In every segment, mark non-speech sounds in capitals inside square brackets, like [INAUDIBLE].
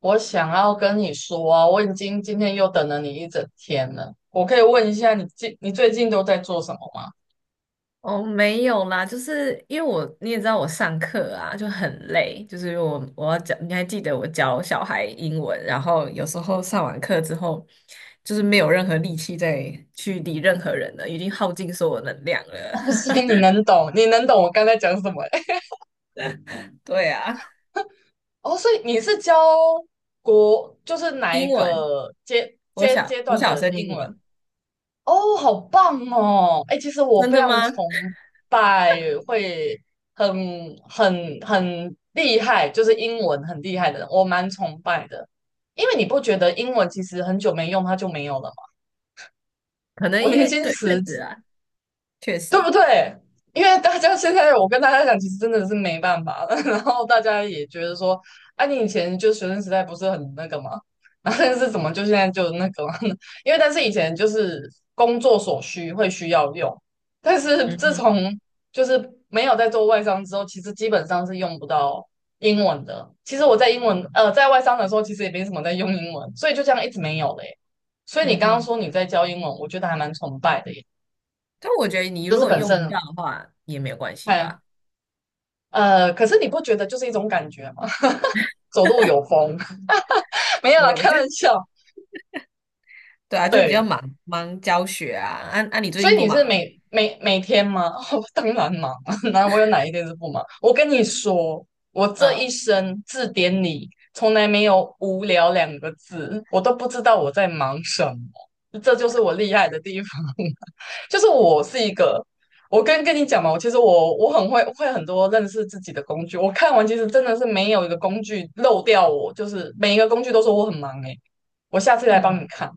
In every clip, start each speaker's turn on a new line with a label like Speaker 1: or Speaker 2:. Speaker 1: 我想要跟你说啊，我已经今天又等了你一整天了。我可以问一下你最近都在做什么吗？
Speaker 2: 哦，没有啦，就是因为我你也知道我上课啊就很累，就是我要教，你还记得我教小孩英文，然后有时候上完课之后，就是没有任何力气再去理任何人了，已经耗尽所有能量了。
Speaker 1: 哦，所以
Speaker 2: [LAUGHS]
Speaker 1: 你能懂，你能懂我刚才讲什么欸？
Speaker 2: 对啊，
Speaker 1: [LAUGHS] 哦，所以你是教就是哪一
Speaker 2: 英文，
Speaker 1: 个阶
Speaker 2: 国
Speaker 1: 阶
Speaker 2: 小
Speaker 1: 阶
Speaker 2: 国
Speaker 1: 段
Speaker 2: 小
Speaker 1: 的
Speaker 2: 生
Speaker 1: 英
Speaker 2: 英
Speaker 1: 文？
Speaker 2: 文，
Speaker 1: 哦，好棒哦！哎，其实我
Speaker 2: 真
Speaker 1: 非
Speaker 2: 的
Speaker 1: 常
Speaker 2: 吗？
Speaker 1: 崇拜会很很厉害，就是英文很厉害的人，我蛮崇拜的。因为你不觉得英文其实很久没用，它就没有了吗？
Speaker 2: 可能
Speaker 1: 我
Speaker 2: 因
Speaker 1: 年
Speaker 2: 为
Speaker 1: 轻
Speaker 2: 对，确
Speaker 1: 时
Speaker 2: 实啊，确
Speaker 1: 对
Speaker 2: 实，
Speaker 1: 不对？因为大家现在我跟大家讲，其实真的是没办法了。[LAUGHS] 然后大家也觉得说，啊，你以前就学生时代不是很那个吗？[LAUGHS] 然后但是怎么就现在就那个嘛呢？ [LAUGHS] 因为但是以前就是工作所需会需要用，但是
Speaker 2: 嗯
Speaker 1: 自从
Speaker 2: 哼，
Speaker 1: 就是没有在做外商之后，其实基本上是用不到英文的。其实我在英文呃在外商的时候，其实也没什么在用英文，所以就这样一直没有嘞。所以你
Speaker 2: 嗯
Speaker 1: 刚刚
Speaker 2: 哼，
Speaker 1: 说你在教英文，我觉得还蛮崇拜的耶。
Speaker 2: 但我觉得你
Speaker 1: 就
Speaker 2: 如
Speaker 1: 是
Speaker 2: 果
Speaker 1: 本
Speaker 2: 用不
Speaker 1: 身
Speaker 2: 到的话也没有关系
Speaker 1: 看，
Speaker 2: 吧。
Speaker 1: 可是你不觉得就是一种感觉吗？[LAUGHS] 走路有风，[LAUGHS] 没有
Speaker 2: 没
Speaker 1: 啦，
Speaker 2: 有，我
Speaker 1: 开
Speaker 2: 觉得
Speaker 1: 玩笑。
Speaker 2: 对啊，就比较
Speaker 1: 对，
Speaker 2: 忙忙教学啊。啊啊，你最
Speaker 1: 所
Speaker 2: 近
Speaker 1: 以
Speaker 2: 不
Speaker 1: 你
Speaker 2: 忙
Speaker 1: 是
Speaker 2: 了？
Speaker 1: 每天吗？[LAUGHS] 哦，当然忙啊，[LAUGHS] 哪我有哪一天是不忙？我跟你说，我这一
Speaker 2: 嗯，
Speaker 1: 生字典里从来没有无聊两个字，我都不知道我在忙什么，这就是我厉害的地方。[LAUGHS] 就是我是一个，我跟你讲嘛，我其实我很会很多认识自己的工具。我看完其实真的是没有一个工具漏掉我，就是每一个工具都说我很忙诶、我下次来帮你
Speaker 2: 嗯，
Speaker 1: 看。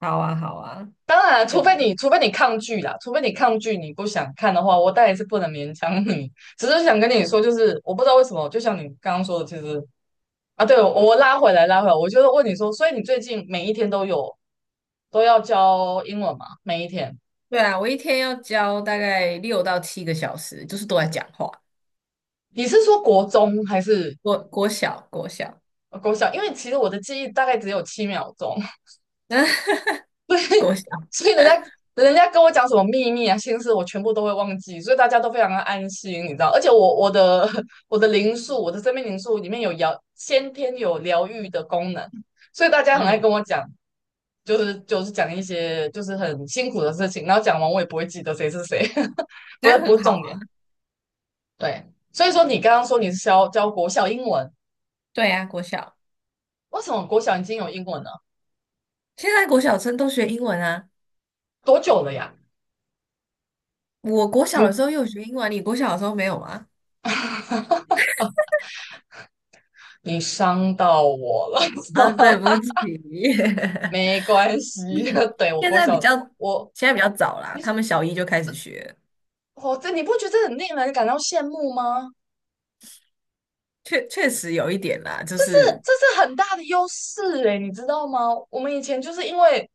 Speaker 2: 好啊，好啊，
Speaker 1: 当然，
Speaker 2: 对，
Speaker 1: 除非你抗拒啦，除非你抗拒，你不想看的话，我当然是不能勉强你。只是想跟你说，就是我不知道为什么，就像你刚刚说的，其实啊，对，我拉回来，拉回来，我就是问你说，所以你最近每一天都要教英文吗？每一天？
Speaker 2: 对啊，我一天要教大概6到7个小时，就是都在讲话。
Speaker 1: 你是说国中还是
Speaker 2: 国小，国小，
Speaker 1: 国小？因为其实我的记忆大概只有7秒钟，
Speaker 2: [LAUGHS] 国小，
Speaker 1: 所以人家跟我讲什么秘密啊、心事，我全部都会忘记，所以大家都非常的安心，你知道。而且我的 [LAUGHS] 我的灵数，我的生命灵数里面先天有疗愈的功能，所以大家很爱
Speaker 2: 嗯，
Speaker 1: 跟我讲，就是讲一些就是很辛苦的事情，然后讲完我也不会记得谁是谁，[LAUGHS]
Speaker 2: 这
Speaker 1: 不是
Speaker 2: 样
Speaker 1: 不
Speaker 2: 很
Speaker 1: 是
Speaker 2: 好
Speaker 1: 重点。
Speaker 2: 啊。
Speaker 1: 对，所以说你刚刚说你是教国小英文，
Speaker 2: 对啊，国小。
Speaker 1: 为什么国小已经有英文了？
Speaker 2: 现在国小生都学英文啊。
Speaker 1: 多久了呀？
Speaker 2: 我国小的
Speaker 1: 你
Speaker 2: 时候又有学英文啊，你国小的时候没有吗？
Speaker 1: 你伤到我了。
Speaker 2: 啊，对
Speaker 1: [LAUGHS]
Speaker 2: 不起，[LAUGHS]
Speaker 1: 没关系。
Speaker 2: 嗯，
Speaker 1: [LAUGHS] 对，我
Speaker 2: 现
Speaker 1: 国
Speaker 2: 在比
Speaker 1: 小，
Speaker 2: 较，
Speaker 1: 我
Speaker 2: 现在比较早啦，
Speaker 1: 你
Speaker 2: 他
Speaker 1: 是
Speaker 2: 们小一就开始学，
Speaker 1: 我这你不觉得这很令人感到羡慕吗？
Speaker 2: 确确实有一点啦，就
Speaker 1: 这是
Speaker 2: 是
Speaker 1: 这是很大的优势诶，你知道吗？我们以前就是因为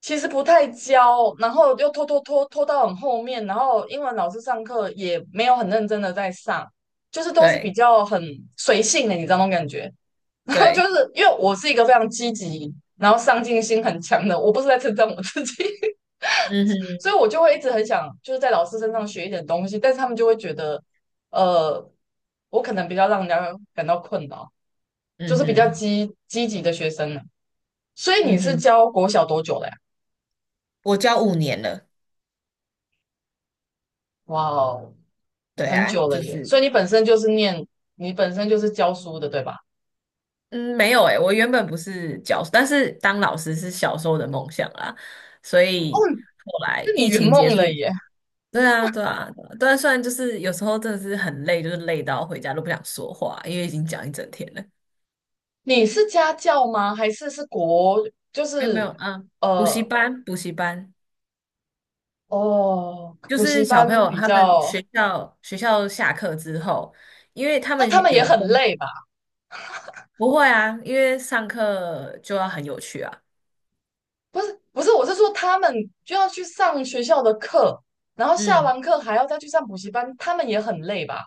Speaker 1: 其实不太教，然后又拖到很后面，然后英文老师上课也没有很认真的在上，就是都是比
Speaker 2: 对
Speaker 1: 较很随性的，你知道那种感觉。[LAUGHS] 然后就
Speaker 2: 对，
Speaker 1: 是因为我是一个非常积极，然后上进心很强的，我不是在称赞我自己。
Speaker 2: 嗯
Speaker 1: 所以
Speaker 2: 哼，
Speaker 1: 我就会一直很想就是在老师身上学一点东西，但是他们就会觉得，呃，我可能比较让人家感到困扰，就
Speaker 2: 嗯
Speaker 1: 是比较
Speaker 2: 哼，
Speaker 1: 积极的学生呢。所以你
Speaker 2: 嗯
Speaker 1: 是
Speaker 2: 哼，
Speaker 1: 教国小多久了呀？
Speaker 2: 我教5年了，
Speaker 1: 哇哦，
Speaker 2: 对
Speaker 1: 很
Speaker 2: 啊，
Speaker 1: 久了
Speaker 2: 就
Speaker 1: 耶！
Speaker 2: 是
Speaker 1: 所以你本身就是念，你本身就是教书的，对吧？
Speaker 2: 嗯，没有诶、我原本不是教，但是当老师是小时候的梦想啦，所
Speaker 1: 哦，
Speaker 2: 以后来
Speaker 1: 那你
Speaker 2: 疫
Speaker 1: 圆
Speaker 2: 情结
Speaker 1: 梦了
Speaker 2: 束，
Speaker 1: 耶！
Speaker 2: 对啊，对啊，对啊，对啊虽然就是有时候真的是很累，就是累到回家都不想说话，因为已经讲一整天了。
Speaker 1: 你是家教吗？还是国，就
Speaker 2: 没有没有，
Speaker 1: 是
Speaker 2: 嗯，补习
Speaker 1: 呃，
Speaker 2: 班，补习班
Speaker 1: 哦，
Speaker 2: 就
Speaker 1: 补习
Speaker 2: 是小朋
Speaker 1: 班
Speaker 2: 友
Speaker 1: 比
Speaker 2: 他们
Speaker 1: 较，
Speaker 2: 学校下课之后，因为他
Speaker 1: 那
Speaker 2: 们
Speaker 1: 他们也
Speaker 2: 有
Speaker 1: 很
Speaker 2: 分
Speaker 1: 累吧？
Speaker 2: 不会啊，因为上课就要很有趣啊。
Speaker 1: 不是不是，我是说他们就要去上学校的课，然后下
Speaker 2: 嗯
Speaker 1: 完课还要再去上补习班，他们也很累吧？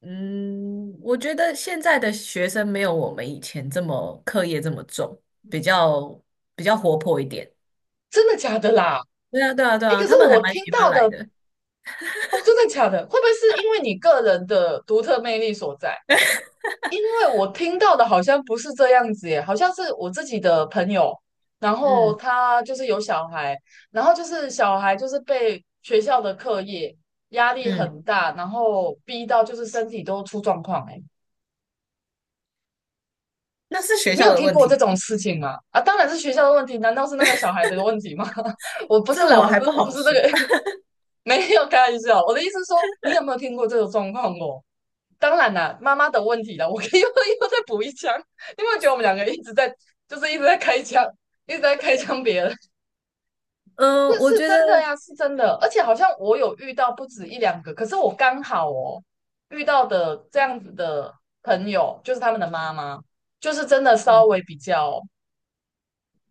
Speaker 2: 嗯，我觉得现在的学生没有我们以前这么课业这么重，比较比较活泼一点。
Speaker 1: 真的假的啦？
Speaker 2: 对啊，对啊，对
Speaker 1: 哎，
Speaker 2: 啊，
Speaker 1: 可是
Speaker 2: 他们还
Speaker 1: 我
Speaker 2: 蛮
Speaker 1: 听
Speaker 2: 喜欢
Speaker 1: 到
Speaker 2: 来
Speaker 1: 的
Speaker 2: 的。
Speaker 1: 哦，真的假的？会不会是因为你个人的独特魅力所在？因为我听到的好像不是这样子耶，好像是我自己的朋友，然后
Speaker 2: 嗯
Speaker 1: 他就是有小孩，然后就是小孩就是被学校的课业压力
Speaker 2: 嗯，
Speaker 1: 很大，然后逼到就是身体都出状况哎。
Speaker 2: 那是学
Speaker 1: 你
Speaker 2: 校
Speaker 1: 有
Speaker 2: 的
Speaker 1: 听
Speaker 2: 问
Speaker 1: 过这
Speaker 2: 题，
Speaker 1: 种事情吗？啊，当然是学校的问题，难道是那个小孩的问题吗？[LAUGHS] 我不是
Speaker 2: 这
Speaker 1: 啦，
Speaker 2: 我
Speaker 1: 我
Speaker 2: 还
Speaker 1: 不是，
Speaker 2: 不
Speaker 1: 我不
Speaker 2: 好
Speaker 1: 是这
Speaker 2: 说。
Speaker 1: 个，
Speaker 2: [LAUGHS]
Speaker 1: [LAUGHS] 没有开玩笑。我的意思是说，你有没有听过这种状况哦？当然啦，妈妈的问题啦，我可以 [LAUGHS] 又再补一枪。你有没有觉得我们两个一直在，就是一直在开枪，一直在开枪别人？[LAUGHS]
Speaker 2: 嗯，
Speaker 1: 这
Speaker 2: 我
Speaker 1: 是
Speaker 2: 觉得
Speaker 1: 真的呀，是真的。而且好像我有遇到不止一两个，可是我刚好哦遇到的这样子的朋友，就是他们的妈妈，就是真的稍
Speaker 2: 嗯，
Speaker 1: 微比较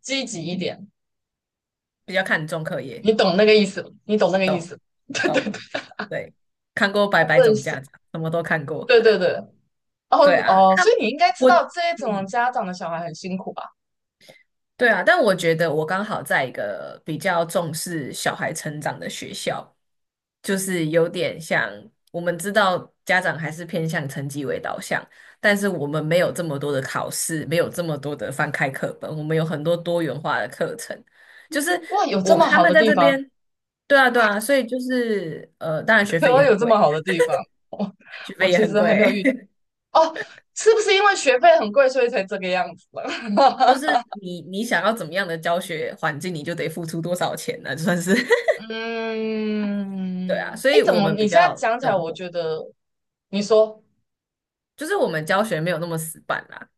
Speaker 1: 积极一点。
Speaker 2: 比较看重课业，
Speaker 1: 你懂那个意思，你懂那个意
Speaker 2: 懂
Speaker 1: 思。[LAUGHS] 对对
Speaker 2: 懂，
Speaker 1: 对，
Speaker 2: 对，看过《百
Speaker 1: 我不
Speaker 2: 百
Speaker 1: 能
Speaker 2: 种家
Speaker 1: 写。
Speaker 2: 长》，什么都看过。
Speaker 1: 对对
Speaker 2: [LAUGHS]
Speaker 1: 对，哦
Speaker 2: 对
Speaker 1: 你
Speaker 2: 啊，
Speaker 1: 哦，所以
Speaker 2: 他
Speaker 1: 你应该知
Speaker 2: 我
Speaker 1: 道这种
Speaker 2: 嗯
Speaker 1: 家长的小孩很辛苦吧？
Speaker 2: 对啊，但我觉得我刚好在一个比较重视小孩成长的学校，就是有点像我们知道家长还是偏向成绩为导向，但是我们没有这么多的考试，没有这么多的翻开课本，我们有很多多元化的课程。就是
Speaker 1: 哇，有这
Speaker 2: 我
Speaker 1: 么
Speaker 2: 他
Speaker 1: 好
Speaker 2: 们
Speaker 1: 的
Speaker 2: 在
Speaker 1: 地
Speaker 2: 这
Speaker 1: 方，
Speaker 2: 边，对啊对啊，所以就是当然
Speaker 1: [LAUGHS]
Speaker 2: 学
Speaker 1: 台
Speaker 2: 费也
Speaker 1: 湾
Speaker 2: 很
Speaker 1: 有这么
Speaker 2: 贵，
Speaker 1: 好的地方，我
Speaker 2: 学
Speaker 1: 我
Speaker 2: 费也
Speaker 1: 其
Speaker 2: 很
Speaker 1: 实还没有遇
Speaker 2: 贵，
Speaker 1: 哦，是不是因为学费很贵，所以才这个样子了？
Speaker 2: [LAUGHS] 就
Speaker 1: [LAUGHS]
Speaker 2: 是你想要怎么样的教学环境，你就得付出多少钱呢、就算是。对啊，
Speaker 1: 嗯，
Speaker 2: 所
Speaker 1: 哎，
Speaker 2: 以
Speaker 1: 怎
Speaker 2: 我
Speaker 1: 么
Speaker 2: 们
Speaker 1: 你
Speaker 2: 比
Speaker 1: 现在
Speaker 2: 较
Speaker 1: 讲起来，
Speaker 2: 灵
Speaker 1: 我
Speaker 2: 活，
Speaker 1: 觉得你说，
Speaker 2: 就是我们教学没有那么死板啦，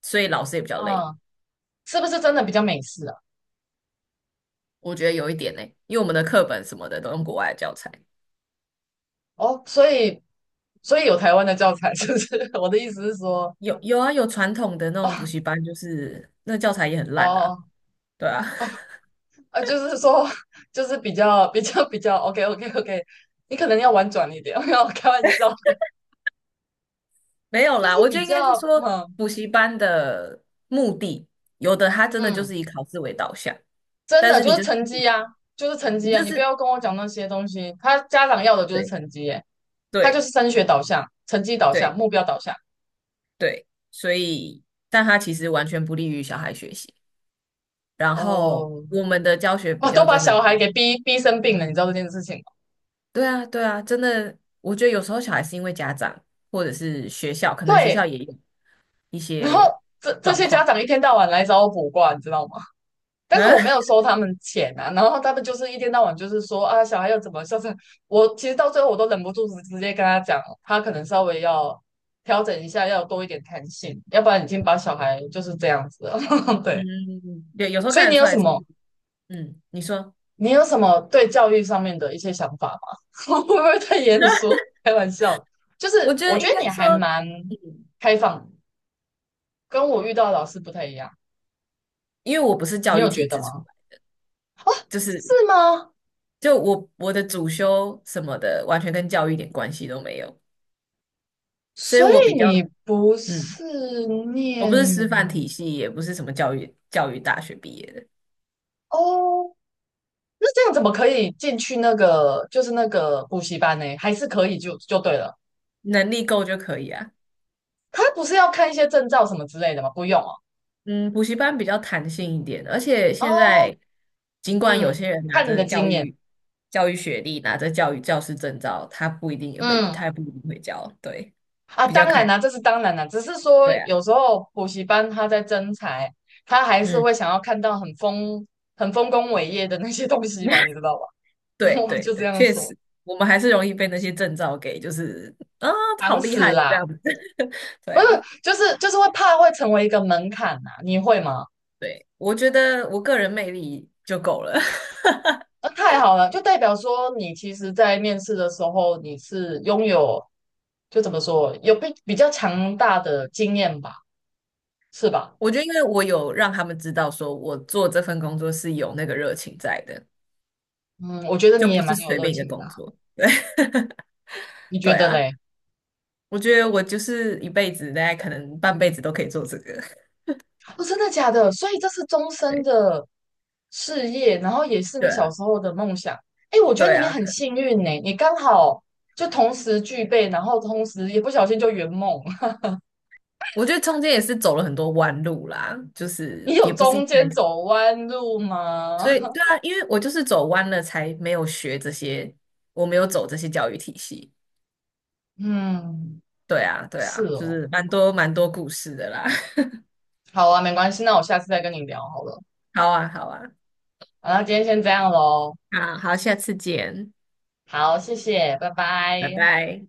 Speaker 2: 所以老师也比较累。
Speaker 1: 嗯，是不是真的比较美式啊？
Speaker 2: 我觉得有一点呢、因为我们的课本什么的都用国外的教材，
Speaker 1: 哦，所以有台湾的教材，[LAUGHS] 是不是？[LAUGHS] 我的意思是说，
Speaker 2: 有有啊，有传统的那种补
Speaker 1: 哦
Speaker 2: 习班，就是那教材也很烂啊，
Speaker 1: 哦
Speaker 2: 对啊，
Speaker 1: 啊，就是说，就是比较 OK OK OK，[LAUGHS] 你可能要婉转一点，[LAUGHS] 没有开玩笑，
Speaker 2: [LAUGHS] 没有
Speaker 1: 就是
Speaker 2: 啦，我觉
Speaker 1: 比
Speaker 2: 得应该是
Speaker 1: 较
Speaker 2: 说
Speaker 1: 嗯
Speaker 2: 补习班的目的，有的他真的就
Speaker 1: 嗯，
Speaker 2: 是以考试为导向，
Speaker 1: 真
Speaker 2: 但
Speaker 1: 的
Speaker 2: 是
Speaker 1: 就
Speaker 2: 你
Speaker 1: 是
Speaker 2: 就
Speaker 1: 成绩啊，就是成
Speaker 2: 你
Speaker 1: 绩啊，
Speaker 2: 就
Speaker 1: 你不
Speaker 2: 是
Speaker 1: 要跟我讲那些东西，他家长要的就是
Speaker 2: 对
Speaker 1: 成绩耶，他就
Speaker 2: 对
Speaker 1: 是升学导向、成绩导向、
Speaker 2: 对
Speaker 1: 目标导向，
Speaker 2: 对，所以但他其实完全不利于小孩学习。然后
Speaker 1: 哦、
Speaker 2: 我们的教学比
Speaker 1: 我都
Speaker 2: 较
Speaker 1: 把
Speaker 2: 真的，
Speaker 1: 小孩给逼生病了，你知道这件事情吗？
Speaker 2: 对啊，对啊，真的，我觉得有时候小孩是因为家长或者是学校，可能学校
Speaker 1: 对，
Speaker 2: 也有一
Speaker 1: 然后
Speaker 2: 些
Speaker 1: 这这
Speaker 2: 状
Speaker 1: 些家
Speaker 2: 况
Speaker 1: 长一天到晚来找我补卦，你知道吗？但是
Speaker 2: 啊，
Speaker 1: 我没有收他们钱啊，[LAUGHS] 然后他们就是一天到晚就是说啊，小孩要怎么孝顺。我其实到最后我都忍不住直接跟他讲，他可能稍微要调整一下，要多一点弹性，要不然已经把小孩就是这样子了。[LAUGHS]
Speaker 2: 嗯，
Speaker 1: 对，
Speaker 2: [LAUGHS] 对，有时候
Speaker 1: 所以
Speaker 2: 看得出来是，嗯，你说，
Speaker 1: 你有什么对教育上面的一些想法吗？[LAUGHS] 我会不会太严肃？开玩笑，就
Speaker 2: 我
Speaker 1: 是
Speaker 2: 觉
Speaker 1: 我
Speaker 2: 得
Speaker 1: 觉
Speaker 2: 应
Speaker 1: 得你
Speaker 2: 该说，
Speaker 1: 还蛮
Speaker 2: 嗯，
Speaker 1: 开放，跟我遇到的老师不太一样，
Speaker 2: 因为我不是
Speaker 1: 你
Speaker 2: 教育
Speaker 1: 有觉
Speaker 2: 体
Speaker 1: 得
Speaker 2: 制出
Speaker 1: 吗？
Speaker 2: 来，就
Speaker 1: 是
Speaker 2: 是
Speaker 1: 吗？
Speaker 2: 我的主修什么的，完全跟教育一点关系都没有，所以
Speaker 1: 所
Speaker 2: 我比
Speaker 1: 以
Speaker 2: 较，
Speaker 1: 你不
Speaker 2: 嗯，
Speaker 1: 是
Speaker 2: 我不是师范
Speaker 1: 念
Speaker 2: 体系，也不是什么教育大学毕业的，
Speaker 1: 哦？那这样怎么可以进去那个就是那个补习班呢？还是可以就对了？
Speaker 2: 能力够就可以啊。
Speaker 1: 他不是要看一些证照什么之类的吗？不用哦。
Speaker 2: 嗯，补习班比较弹性一点，而且现
Speaker 1: 哦，
Speaker 2: 在尽管有
Speaker 1: 嗯，
Speaker 2: 些人拿
Speaker 1: 看你
Speaker 2: 着
Speaker 1: 的
Speaker 2: 教
Speaker 1: 经验。
Speaker 2: 育教育学历，拿着教育教师证照，他不一定也会，
Speaker 1: 嗯，
Speaker 2: 他也不一定会教，对，
Speaker 1: 啊，
Speaker 2: 比
Speaker 1: 当
Speaker 2: 较看
Speaker 1: 然
Speaker 2: 人，
Speaker 1: 啦、这是当然啦、只是说
Speaker 2: 对啊，
Speaker 1: 有时候补习班他在征才，他还是
Speaker 2: 嗯，
Speaker 1: 会想要看到很丰功伟业的那些东西嘛，你
Speaker 2: [LAUGHS]
Speaker 1: 知道吧？[LAUGHS]
Speaker 2: 对
Speaker 1: 我
Speaker 2: 对
Speaker 1: 就这
Speaker 2: 对，
Speaker 1: 样
Speaker 2: 确
Speaker 1: 说，
Speaker 2: 实，我们还是容易被那些证照给，就是啊，
Speaker 1: 常
Speaker 2: 好厉
Speaker 1: 识
Speaker 2: 害哦，这
Speaker 1: 啦。
Speaker 2: 样子，[LAUGHS] 对
Speaker 1: 不是，
Speaker 2: 啊，
Speaker 1: 就是会怕会成为一个门槛呐、你会吗？
Speaker 2: 对，我觉得我个人魅力就够了，[LAUGHS]
Speaker 1: 那太好了，就代表说你其实，在面试的时候你是拥有，就怎么说，有比较强大的经验吧，是吧？
Speaker 2: 我觉得因为我有让他们知道，说我做这份工作是有那个热情在的，
Speaker 1: 嗯，我觉得
Speaker 2: 就
Speaker 1: 你也
Speaker 2: 不是
Speaker 1: 蛮有
Speaker 2: 随
Speaker 1: 热
Speaker 2: 便一个
Speaker 1: 情的
Speaker 2: 工
Speaker 1: 啊
Speaker 2: 作。[LAUGHS] 对。
Speaker 1: 你觉
Speaker 2: 对
Speaker 1: 得
Speaker 2: 啊，
Speaker 1: 嘞？
Speaker 2: 我觉得我就是一辈子，大概可能半辈子都可以做这个。[LAUGHS]
Speaker 1: 哦，真的假的？所以这是终身
Speaker 2: 对，
Speaker 1: 的事业，然后也是你
Speaker 2: 对
Speaker 1: 小
Speaker 2: 啊，
Speaker 1: 时候的梦想。哎，我觉得
Speaker 2: 对
Speaker 1: 你
Speaker 2: 啊，
Speaker 1: 很
Speaker 2: 对
Speaker 1: 幸运呢，你刚好就同时具备，然后同时也不小心就圆梦。
Speaker 2: 我觉得中间也是走了很多弯路啦，就是
Speaker 1: 你
Speaker 2: 也
Speaker 1: 有
Speaker 2: 不是一
Speaker 1: 中
Speaker 2: 开
Speaker 1: 间
Speaker 2: 始，
Speaker 1: 走弯路吗？
Speaker 2: 所以对
Speaker 1: [LAUGHS]
Speaker 2: 啊，因为我就是走弯了，才没有学这些，我没有走这些教育体系。
Speaker 1: 嗯，
Speaker 2: 对啊，对
Speaker 1: 是
Speaker 2: 啊，就
Speaker 1: 哦。
Speaker 2: 是蛮多蛮多故事的啦。[LAUGHS]
Speaker 1: 好啊，没关系，那我下次再跟你聊好了。
Speaker 2: 好啊，好啊，
Speaker 1: 好了，今天先这样喽。
Speaker 2: 好好，下次见，
Speaker 1: 好，谢谢，拜
Speaker 2: 拜
Speaker 1: 拜。
Speaker 2: 拜。